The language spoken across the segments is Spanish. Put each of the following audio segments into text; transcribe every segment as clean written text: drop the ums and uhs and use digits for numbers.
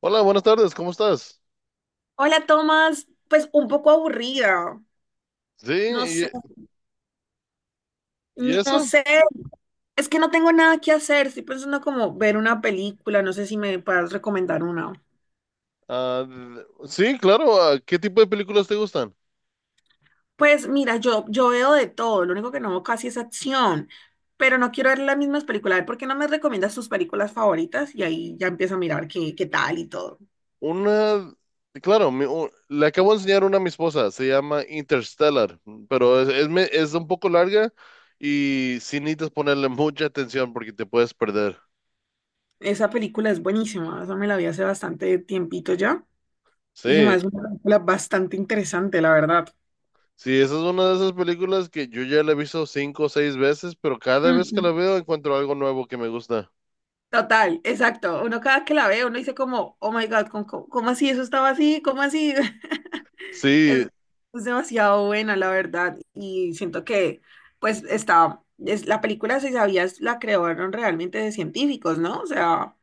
Hola, buenas tardes, ¿cómo estás? Hola, Tomás. Pues un poco aburrida. No Sí, sé, ¿y no eso? sé. Es que no tengo nada que hacer. Estoy pensando como ver una película. No sé si me puedes recomendar una. Ah, sí, claro, ¿qué tipo de películas te gustan? Pues mira, yo veo de todo. Lo único que no veo casi es acción. Pero no quiero ver las mismas películas. A ver, ¿por qué no me recomiendas tus películas favoritas? Y ahí ya empiezo a mirar qué, tal y todo. Una, claro, le acabo de enseñar una a mi esposa, se llama Interstellar, pero es un poco larga y sí necesitas ponerle mucha atención porque te puedes perder. Esa película es buenísima. Esa me la vi hace bastante tiempito ya. Y se me Sí, hace una película bastante interesante, la verdad. sí, esa es una de esas películas que yo ya la he visto cinco o seis veces, pero cada vez que Ujú. la veo encuentro algo nuevo que me gusta. Total, exacto. Uno cada vez que la ve, uno dice como, oh my God, ¿cómo, cómo así? Eso estaba así, ¿cómo así? Es, Sí, es demasiado buena, la verdad. Y siento que, pues, la película, si sabías, la crearon realmente de científicos, ¿no? O sea,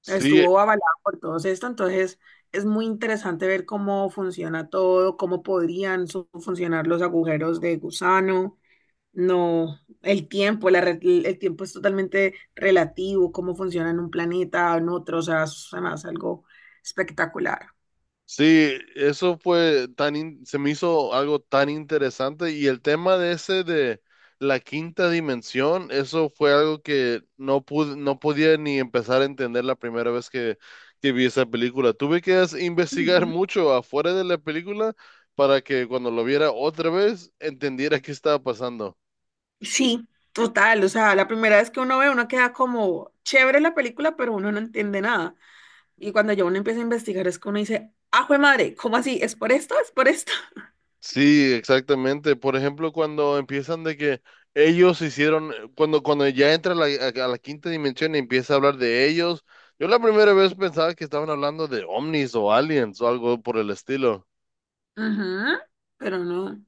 sí. estuvo avalada por todos esto, entonces es muy interesante ver cómo funciona todo, cómo podrían funcionar los agujeros de gusano. No, el tiempo, el tiempo es totalmente relativo, cómo funciona en un planeta, en otro, o sea, es además algo espectacular. Sí, eso fue se me hizo algo tan interesante, y el tema de ese de la quinta dimensión, eso fue algo que no podía ni empezar a entender la primera vez que vi esa película. Tuve que investigar Ujú. mucho afuera de la película para que cuando lo viera otra vez entendiera qué estaba pasando. Sí, total, o sea, la primera vez que uno ve, uno queda como chévere la película, pero uno no entiende nada. Y cuando ya uno empieza a investigar, es que uno dice, ¡ah, jue madre! ¿Cómo así? ¿Es por esto? ¿Es por esto? Sí, exactamente. Por ejemplo, cuando empiezan de que ellos hicieron, cuando ya entra a la quinta dimensión y empieza a hablar de ellos, yo la primera vez pensaba que estaban hablando de ovnis o aliens o algo por el estilo. Ujú, pero no,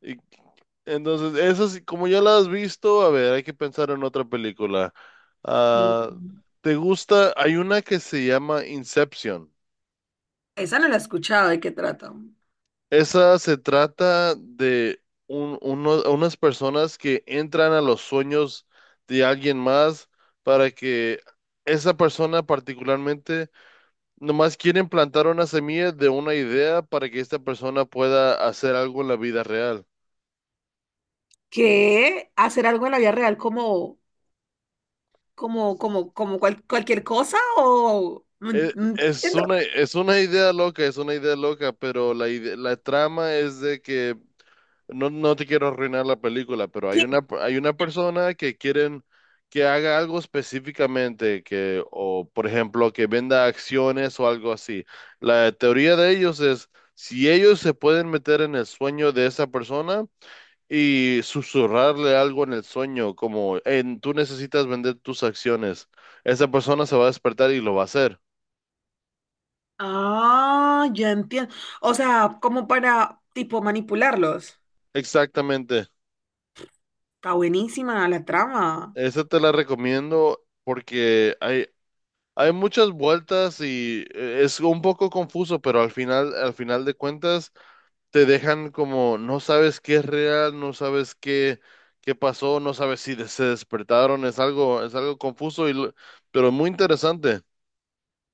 Y entonces, eso sí, como ya las has visto, a ver, hay que pensar en otra película. sí. Ah, ¿te gusta? Hay una que se llama Inception. Esa no la he escuchado, ¿de qué trata? Esa se trata de unas personas que entran a los sueños de alguien más, para que esa persona particularmente nomás quieren plantar una semilla de una idea para que esta persona pueda hacer algo en la vida real. Que hacer algo en la vida real como como cualquier cosa o no no entiendo. Es una idea loca, es una idea loca, pero la trama es de que, no, no te quiero arruinar la película, pero Sí. Hay una persona que quieren que haga algo específicamente, que, o por ejemplo, que venda acciones o algo así. La teoría de ellos es, si ellos se pueden meter en el sueño de esa persona y susurrarle algo en el sueño, como, "Hey, tú necesitas vender tus acciones, esa persona se va a despertar y lo va a hacer." Ah, ya entiendo. O sea, como para tipo manipularlos. Exactamente. Está buenísima la trama. Esa te la recomiendo porque hay muchas vueltas y es un poco confuso, pero al final de cuentas, te dejan como no sabes qué es real, no sabes qué pasó, no sabes si se despertaron, es algo confuso pero muy interesante.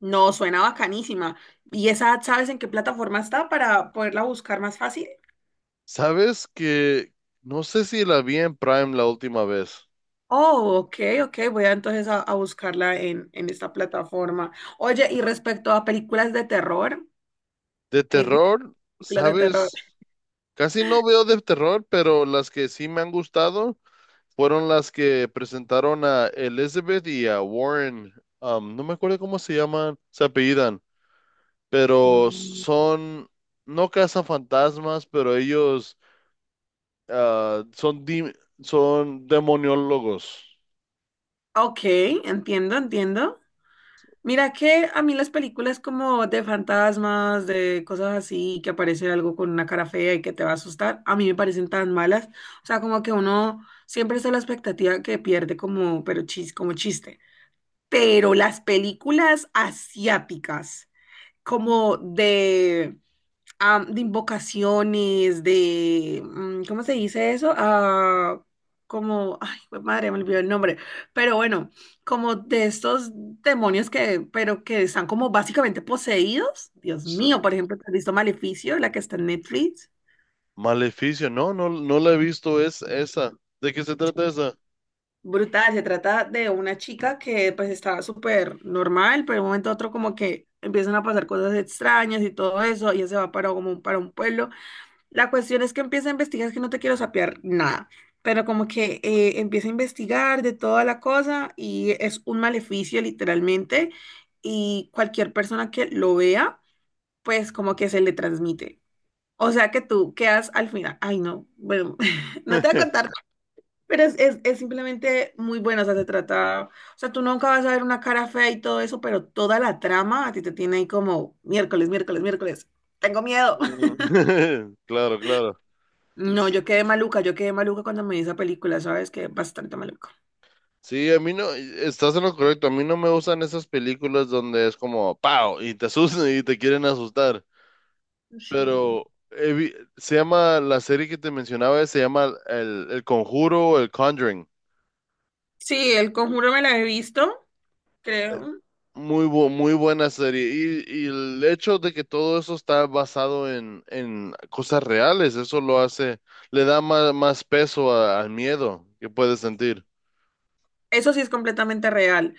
No, suena bacanísima. ¿Y esa sabes en qué plataforma está para poderla buscar más fácil? ¿Sabes que no sé si la vi en Prime la última vez? Oh, ok, ok, voy a entonces a buscarla en esta plataforma. Oye, y respecto a películas de terror, De me gustan terror, películas de terror. ¿sabes? Casi no veo de terror, pero las que sí me han gustado fueron las que presentaron a Elizabeth y a Warren. No me acuerdo cómo se llaman, se apellidan, pero Mm. son, no cazan fantasmas, pero ellos ah, son, dim- son demoniólogos. Ok, entiendo, entiendo. Mira que a mí las películas como de fantasmas, de cosas así, que aparece algo con una cara fea y que te va a asustar, a mí me parecen tan malas. O sea, como que uno siempre está a la expectativa que pierde como, pero chis, como chiste. Pero las películas asiáticas, como de de invocaciones, de, ¿cómo se dice eso? Ah, como, ay, jue madre, me olvidó el nombre, pero bueno, como de estos demonios que, pero que están como básicamente poseídos. Dios S- mío, por ejemplo, ¿te ¿has visto Maleficio, la que está en Netflix? Maleficio, no la he visto es, esa. ¿De qué se trata esa? Brutal, se trata de una chica que pues estaba súper normal, pero de un momento a otro como que empiezan a pasar cosas extrañas y todo eso, ella se va para como para un pueblo. La cuestión es que empieza a investigar, es que no te quiero sapear nada, pero como que empieza a investigar de toda la cosa y es un maleficio literalmente y cualquier persona que lo vea, pues como que se le transmite. O sea que tú quedas al final, ay no, bueno, no te voy a contar, pero es simplemente muy bueno, o sea, se trata, o sea, tú nunca vas a ver una cara fea y todo eso, pero toda la trama a ti te tiene ahí como miércoles, miércoles, miércoles, tengo miedo. Mm. Claro, claro. No, S- yo quedé maluca cuando me vi esa película, ¿sabes? Quedé bastante maluca. Sí, a mí no, estás en lo correcto, a mí no me gustan esas películas donde es como, ¡pau! Y te asustan y te quieren asustar. Sí. Pero se llama, la serie que te mencionaba, se llama El Conjuro, El Conjuring. Sí, El Conjuro me la he visto, creo. Muy buena serie. Y el hecho de que todo eso está basado en cosas reales, eso lo hace, le da más peso al miedo que puedes sentir. Eso sí es completamente real.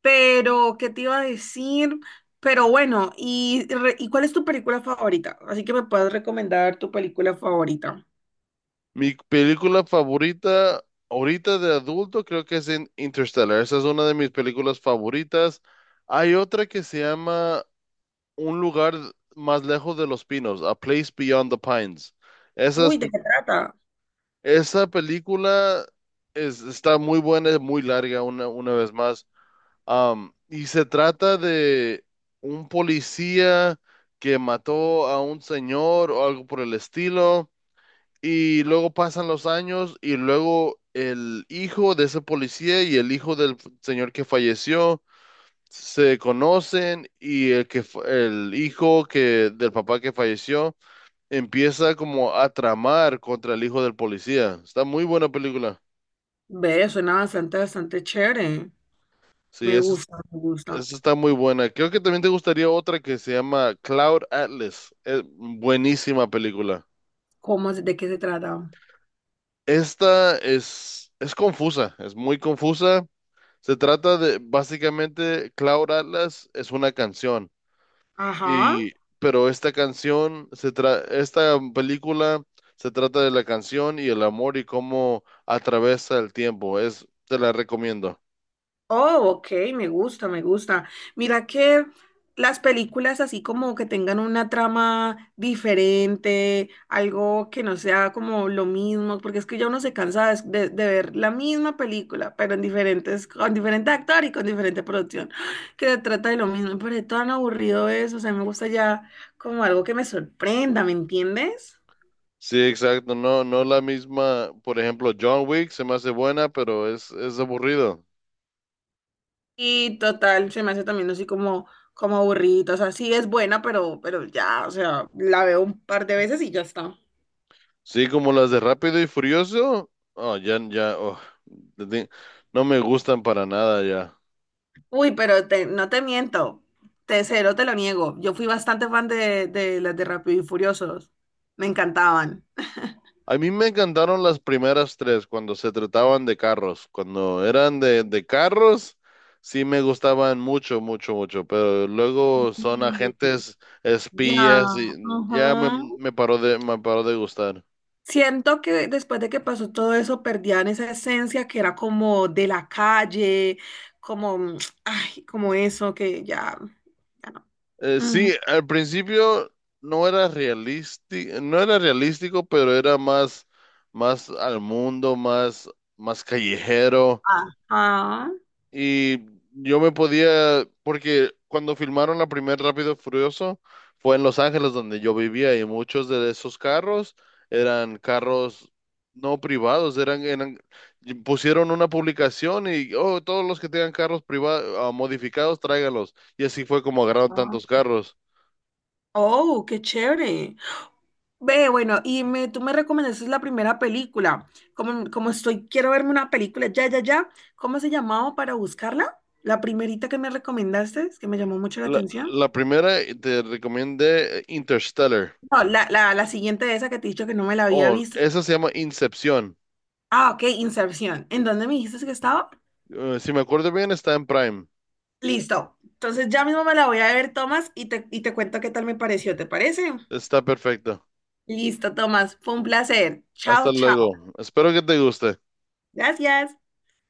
Pero, ¿qué te iba a decir? Pero bueno, ¿y, ¿y cuál es tu película favorita? Así que me puedes recomendar tu película favorita. Mi película favorita ahorita de adulto creo que es Interstellar. Esa es una de mis películas favoritas. Hay otra que se llama un lugar más lejos de los pinos, A Place Beyond the Pines. Esa, Uy, es- ¿de qué trata? Esa película es, está muy buena, es muy larga una vez más. Y se trata de un policía que mató a un señor o algo por el estilo. Y luego pasan los años y luego el hijo de ese policía y el hijo del señor que falleció se conocen, y el el hijo que del papá que falleció empieza como a tramar contra el hijo del policía. Está muy buena película. Ve, suena bastante, bastante chévere. Sí, Me eso, gusta, me gusta. eso está muy buena. Creo que también te gustaría otra que se llama Cloud Atlas. Es buenísima película. ¿Cómo, de qué se trata? Esta Es confusa, es muy confusa. Se trata de, básicamente Cloud Atlas es una canción. Ajá. Y, pero esta canción, esta película se trata de la canción y el amor y cómo atraviesa el tiempo. Es, te la recomiendo. Oh, ok, me gusta, me gusta. Mira que las películas así como que tengan una trama diferente, algo que no sea como lo mismo, porque es que ya uno se cansa de ver la misma película, pero en diferentes, con diferente actor y con diferente producción, que se trata de lo mismo, pero es tan aburrido eso, o sea, me gusta ya como algo que me sorprenda, ¿me entiendes? Sí, exacto. No, no la misma. Por ejemplo, John Wick se me hace buena, pero es aburrido. Y total, se me hace también así como, como aburrido. O sea, sí es buena, pero ya, o sea, la veo un par de veces y ya está. Sí, como las de Rápido y Furioso. Oh, ya, ya. Oh, de- de- no me gustan para nada ya. Uy, pero no te miento. Te cero, te lo niego. Yo fui bastante fan de las de Rápido y Furiosos. Me encantaban. A mí me encantaron las primeras tres cuando se trataban de carros. Cuando eran de carros, sí me gustaban mucho, mucho, mucho. Pero luego son Sí, agentes ya, espías y ya me, ajá. Me paró de gustar. Siento que después de que pasó todo eso, perdían esa esencia que era como de la calle, como, mm, ay, como eso, que ya, ya no. Sí, Ujú. al principio no era realístico, no era realístico, pero era más, más al mundo, más, más callejero. Ajá. Y yo me podía, porque cuando filmaron la primera Rápido y Furioso fue en Los Ángeles donde yo vivía, y muchos de esos carros eran carros no privados, eran, y pusieron una publicación y oh, todos los que tengan carros privados modificados, tráigalos. Y así fue como agarraron Ah. tantos carros. Oh, qué chévere. Ve, bueno, y me, tú me recomendaste la primera película. Como, como estoy, quiero verme una película, ya, ya, ya. ¿Cómo se llamaba para buscarla? La primerita que me recomendaste, es que me llamó mucho la La, atención. la primera te recomendé Interstellar. No, la siguiente de esa que te he dicho que no me la había Oh, visto. esa se llama Incepción. Ah, ok, Inserción. ¿En dónde me dijiste que estaba? Si me acuerdo bien, está en Prime. Listo. Entonces ya mismo me la voy a ver, Tomás, y te cuento qué tal me pareció, ¿te parece? Está perfecta. Listo, Tomás. Fue un placer. Chao, Hasta chao. luego. Espero que te guste. Gracias.